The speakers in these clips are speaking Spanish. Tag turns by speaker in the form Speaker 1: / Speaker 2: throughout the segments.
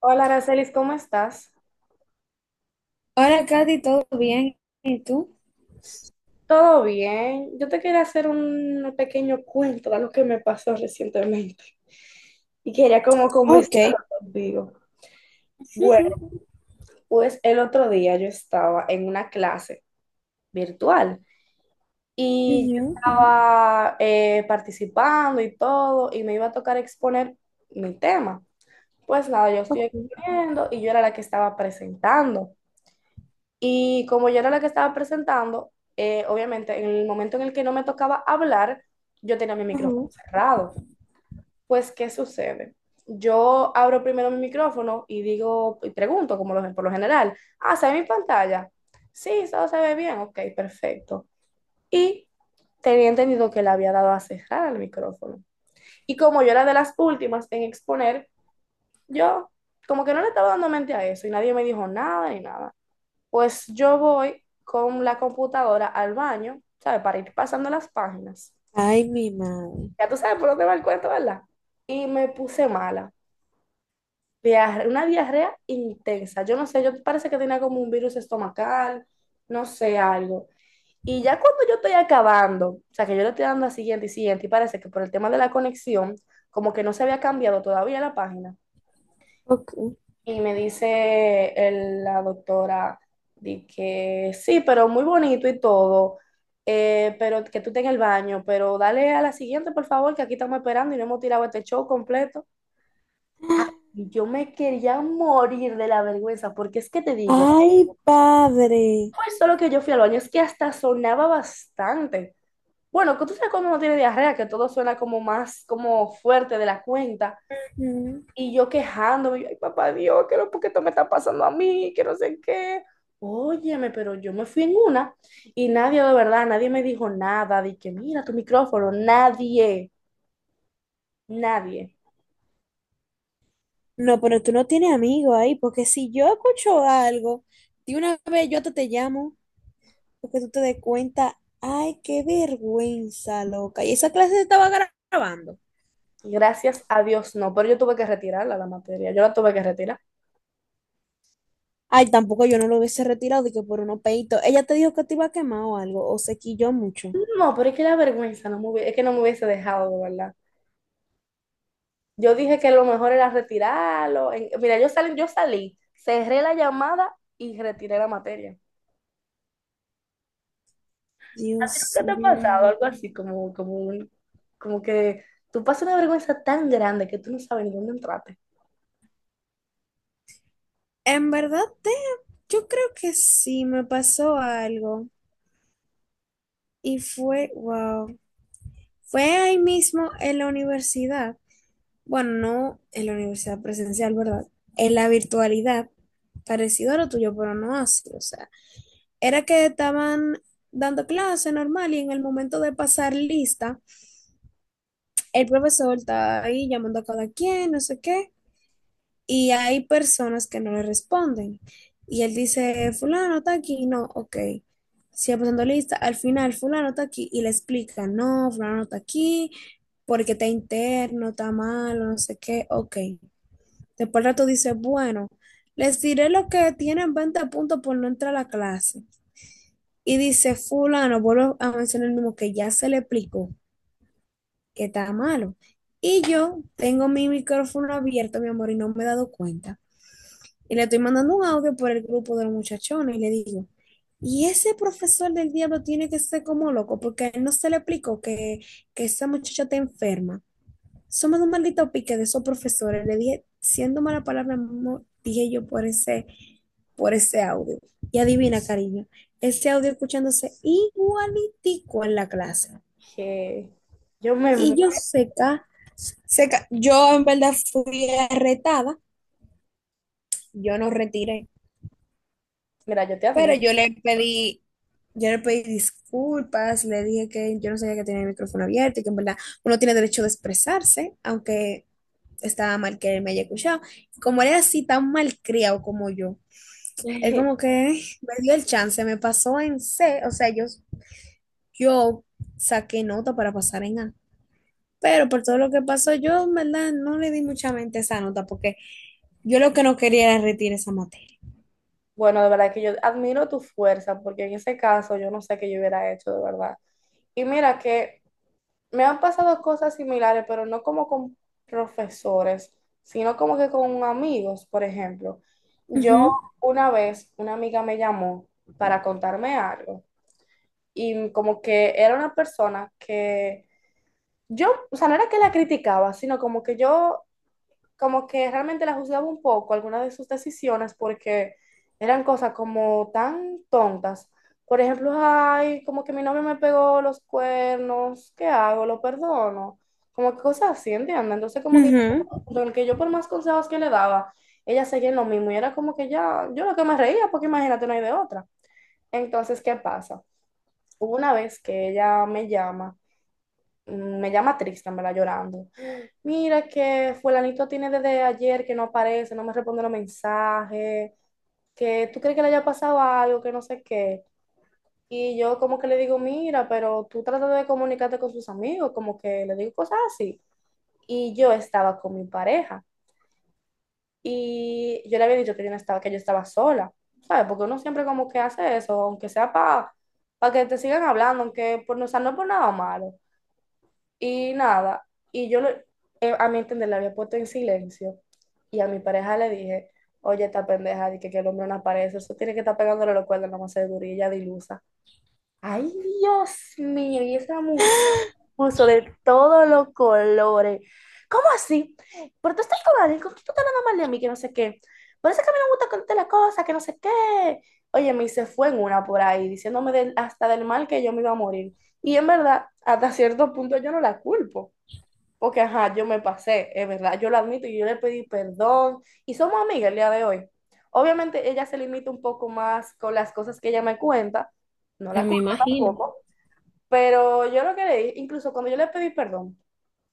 Speaker 1: Hola, Aracelis, ¿cómo estás?
Speaker 2: Hola, Katy, ¿todo bien? ¿Y tú?
Speaker 1: ¿Todo bien? Yo te quería hacer un pequeño cuento de lo que me pasó recientemente y quería como
Speaker 2: Ok.
Speaker 1: conversarlo contigo. Bueno,
Speaker 2: Ujú,
Speaker 1: pues el otro día yo estaba en una clase virtual y yo
Speaker 2: ujú,
Speaker 1: estaba participando y todo y me iba a tocar exponer mi tema. Pues nada, yo estoy
Speaker 2: ok,
Speaker 1: exponiendo y yo era la que estaba presentando. Y como yo era la que estaba presentando, obviamente en el momento en el que no me tocaba hablar, yo tenía mi
Speaker 2: ajá.
Speaker 1: micrófono cerrado. Pues, ¿qué sucede? Yo abro primero mi micrófono y digo, y pregunto, como por lo general, ¿se ve mi pantalla? Sí, todo se ve bien, ok, perfecto. Y tenía entendido que le había dado a cerrar el micrófono. Y como yo era de las últimas en exponer, yo como que no le estaba dando mente a eso y nadie me dijo nada ni nada. Pues yo voy con la computadora al baño, ¿sabes? Para ir pasando las páginas.
Speaker 2: Ay, mi madre.
Speaker 1: Ya tú sabes por dónde va el cuento, ¿verdad? Y me puse mala. Una diarrea intensa. Yo no sé, yo parece que tenía como un virus estomacal, no sé, algo. Y ya cuando yo estoy acabando, o sea, que yo le estoy dando a siguiente y siguiente, y parece que por el tema de la conexión, como que no se había cambiado todavía la página.
Speaker 2: Ok.
Speaker 1: Y me dice la doctora de que sí, pero muy bonito y todo, pero que tú estés en el baño, pero dale a la siguiente, por favor, que aquí estamos esperando y no hemos tirado este show completo. Y yo me quería morir de la vergüenza, porque es que te digo,
Speaker 2: Ay, padre.
Speaker 1: pues solo que yo fui al baño, es que hasta sonaba bastante. Bueno, que tú sabes cuando uno tiene diarrea, que todo suena como más, como fuerte de la cuenta.
Speaker 2: Ujú.
Speaker 1: Y yo quejándome, yo, ay, papá Dios, ¿qué es lo que esto me está pasando a mí? Que no sé qué. Óyeme, pero yo me fui en una y nadie, de verdad, nadie me dijo nada de que mira tu micrófono, nadie, nadie.
Speaker 2: No, pero tú no tienes amigos ahí, porque si yo escucho algo, de una vez yo te llamo, porque tú te des cuenta. Ay, qué vergüenza, loca. Y esa clase se estaba grabando.
Speaker 1: Gracias a Dios, no, pero yo tuve que retirarla la materia, yo la tuve que retirar.
Speaker 2: Ay, tampoco yo no lo hubiese retirado, de que por unos peitos. Ella te dijo que te iba a quemar o algo, o se quilló mucho.
Speaker 1: No, pero es que la vergüenza no me es que no me hubiese dejado, de verdad. Yo dije que lo mejor era retirarlo. Mira, yo salí, cerré la llamada y retiré la materia.
Speaker 2: Dios
Speaker 1: ¿Qué te ha pasado?
Speaker 2: mío.
Speaker 1: Algo así, como que tú pasas una vergüenza tan grande que tú no sabes ni dónde entraste.
Speaker 2: En verdad, yo creo que sí me pasó algo y fue, wow, fue ahí mismo en la universidad. Bueno, no en la universidad presencial, ¿verdad? En la virtualidad, parecido a lo tuyo, pero no así. O sea, era que estaban dando clase normal y en el momento de pasar lista, el profesor está ahí llamando a cada quien, no sé qué. Y hay personas que no le responden. Y él dice, fulano está aquí, no, ok. Sigue pasando lista, al final fulano está aquí y le explica, no, fulano no está aquí porque está interno, está malo, no sé qué, ok. Después al rato dice, bueno, les diré lo que tienen 20 puntos por no entrar a la clase. Y dice, fulano, vuelvo a mencionar el mismo que ya se le explicó que está malo. Y yo tengo mi micrófono abierto, mi amor, y no me he dado cuenta. Y le estoy mandando un audio por el grupo de los muchachones y le digo, y ese profesor del diablo tiene que ser como loco, porque a él no se le explicó que esa muchacha está enferma. Somos un maldito pique de esos profesores. Le dije, siendo mala palabra, dije yo por ese audio. Y adivina, cariño, ese audio escuchándose igualitico en la clase.
Speaker 1: Que yo me... mu-
Speaker 2: Y yo seca, seca. Yo en verdad fui retada, yo no retiré.
Speaker 1: Mira, yo te
Speaker 2: Pero
Speaker 1: admiro.
Speaker 2: yo le pedí disculpas, le dije que yo no sabía que tenía el micrófono abierto y que en verdad uno tiene derecho de expresarse, aunque estaba mal que él me haya escuchado. Como él era así tan malcriado como yo, él como que me dio el chance, me pasó en C, o sea, yo saqué nota para pasar en A. Pero por todo lo que pasó, yo en verdad no le di mucha mente a esa nota porque yo lo que no quería era retirar esa materia.
Speaker 1: Bueno, de verdad que yo admiro tu fuerza, porque en ese caso yo no sé qué yo hubiera hecho, de verdad. Y mira que me han pasado cosas similares, pero no como con profesores, sino como que con amigos, por ejemplo. Yo
Speaker 2: Ujú,
Speaker 1: una vez, una amiga me llamó para contarme algo, y como que era una persona que yo, o sea, no era que la criticaba, sino como que yo, como que realmente la juzgaba un poco algunas de sus decisiones porque eran cosas como tan tontas. Por ejemplo, ay, como que mi novio me pegó los cuernos, ¿qué hago? ¿Lo perdono? Como que cosas así, ¿entiendes? Entonces, como que
Speaker 2: ujú.
Speaker 1: yo, el que yo por más consejos que le daba, ella seguía en lo mismo y era como que ya, yo lo que me reía, porque imagínate, no hay de otra. Entonces, ¿qué pasa? Hubo una vez que ella me llama, me llama triste, me la llorando. Mira que fulanito tiene desde ayer que no aparece, no me responde los mensajes, que tú crees que le haya pasado algo, que no sé qué. Y yo como que le digo, mira, pero tú tratas de comunicarte con sus amigos, como que le digo cosas así. Y yo estaba con mi pareja y yo le había dicho que yo no estaba, que yo estaba sola, ¿sabes? Porque uno siempre como que hace eso, aunque sea para que te sigan hablando, aunque por, o sea, no es por nada malo. Y nada, y a mi entender la había puesto en silencio y a mi pareja le dije, oye, esta pendeja, que el hombre no aparece, eso tiene que estar pegándole los cuernos, no más seguro, y ella dilusa. Ay, Dios mío, y esa mujer puso de todos los colores. ¿Cómo así? Pero tú estás con alguien, ¿cómo tú estás hablando mal de mí, que no sé qué. Por eso es que a mí no me gusta contarte las cosas, que no sé qué. Oye, me se fue en una por ahí, diciéndome hasta del mal que yo me iba a morir. Y en verdad, hasta cierto punto yo no la culpo. Porque, ajá, yo me pasé, es verdad, yo lo admito y yo le pedí perdón y somos amigas el día de hoy. Obviamente ella se limita un poco más con las cosas que ella me cuenta, no
Speaker 2: Yo
Speaker 1: la
Speaker 2: me
Speaker 1: culpo
Speaker 2: imagino.
Speaker 1: tampoco, pero yo lo que le leí, incluso cuando yo le pedí perdón,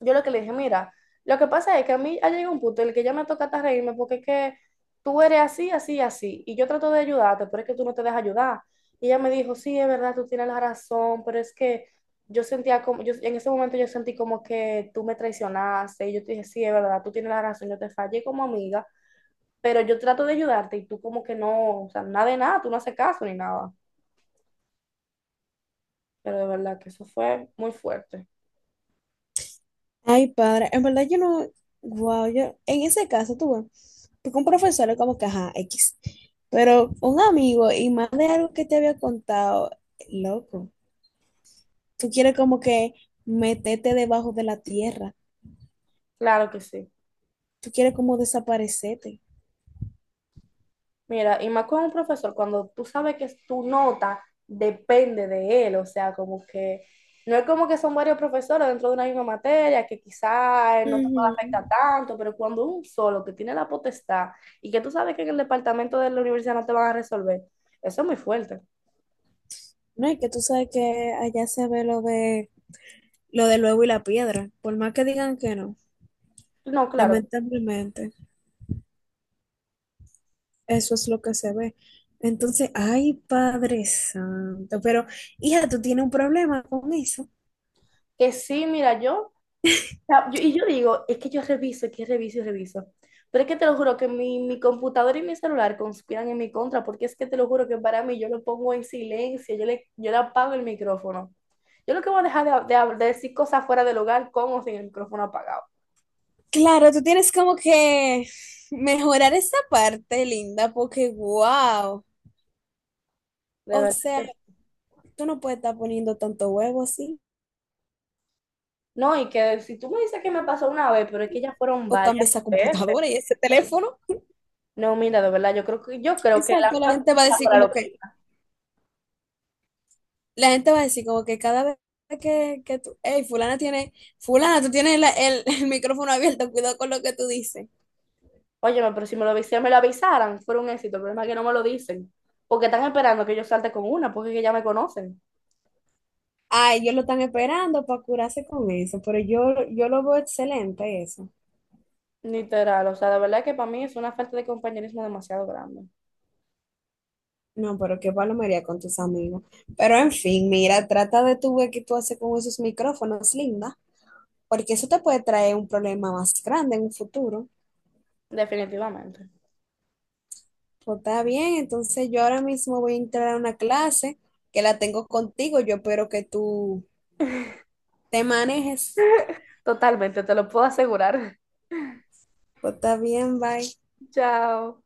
Speaker 1: yo lo que le dije, mira, lo que pasa es que a mí ha llegado un punto en el que ya me toca hasta reírme porque es que tú eres así, así, así. Y yo trato de ayudarte, pero es que tú no te dejas ayudar. Y ella me dijo, sí, es verdad, tú tienes la razón, pero es que yo sentía como, yo, en ese momento yo sentí como que tú me traicionaste. Y yo te dije, sí, es verdad, tú tienes la razón, yo te fallé como amiga, pero yo trato de ayudarte y tú como que no, o sea, nada de nada, tú no haces caso ni nada. Pero de verdad que eso fue muy fuerte.
Speaker 2: Ay, padre, en verdad yo no, wow, yo, en ese caso tú tuve, porque un profesor es como que, ajá, X, pero un amigo y más de algo que te había contado, loco, tú quieres como que meterte debajo de la tierra,
Speaker 1: Claro que sí.
Speaker 2: tú quieres como desaparecerte.
Speaker 1: Mira, y más con un profesor, cuando tú sabes que tu nota depende de él, o sea, como que no es como que son varios profesores dentro de una misma materia, que quizás no te pueda
Speaker 2: Ujú.
Speaker 1: afectar tanto, pero cuando un solo que tiene la potestad y que tú sabes que en el departamento de la universidad no te van a resolver, eso es muy fuerte.
Speaker 2: ¿No? Y que tú sabes que allá se ve lo de lo del huevo y la piedra. Por más que digan que no,
Speaker 1: No, claro,
Speaker 2: lamentablemente, eso es lo que se ve. Entonces, ay, Padre Santo, pero hija, tú tienes un problema con eso.
Speaker 1: que sí, mira, y yo digo, es que yo reviso, es que reviso y reviso. Pero es que te lo juro que mi computadora y mi celular conspiran en mi contra, porque es que te lo juro que para mí yo lo pongo en silencio, yo le apago el micrófono. Yo lo que voy a dejar de decir cosas fuera del hogar con o sin el micrófono apagado.
Speaker 2: Claro, tú tienes como que mejorar esa parte, linda, porque wow.
Speaker 1: De
Speaker 2: O
Speaker 1: verdad
Speaker 2: sea,
Speaker 1: que sí.
Speaker 2: tú no puedes estar poniendo tanto huevo así.
Speaker 1: No, y que si tú me dices que me pasó una vez, pero es que ya fueron
Speaker 2: O cambia
Speaker 1: varias
Speaker 2: esa
Speaker 1: veces.
Speaker 2: computadora y ese teléfono.
Speaker 1: No, mira, de verdad, yo creo que la
Speaker 2: Exacto,
Speaker 1: computadora lo que...
Speaker 2: la gente va a decir como que cada vez que tú, hey, fulana, tú tienes el el micrófono abierto, cuidado con lo que tú dices.
Speaker 1: Óyeme, pero si me avisaran, me lo avisaran, fuera un éxito. El problema es que no me lo dicen. Porque están esperando que yo salte con una, porque es que ya me conocen.
Speaker 2: Ay, ellos lo están esperando para curarse con eso, yo lo veo excelente eso.
Speaker 1: Literal, o sea, de verdad que para mí es una falta de compañerismo demasiado grande.
Speaker 2: No, pero qué palomería con tus amigos. Pero en fin, mira, trata de tu ver qué tú haces con esos micrófonos, linda, porque eso te puede traer un problema más grande en un futuro.
Speaker 1: Definitivamente.
Speaker 2: Pues está bien, entonces yo ahora mismo voy a entrar a una clase que la tengo contigo, yo espero que tú te manejes.
Speaker 1: Totalmente, te lo puedo asegurar.
Speaker 2: Pues está bien, bye.
Speaker 1: Chao.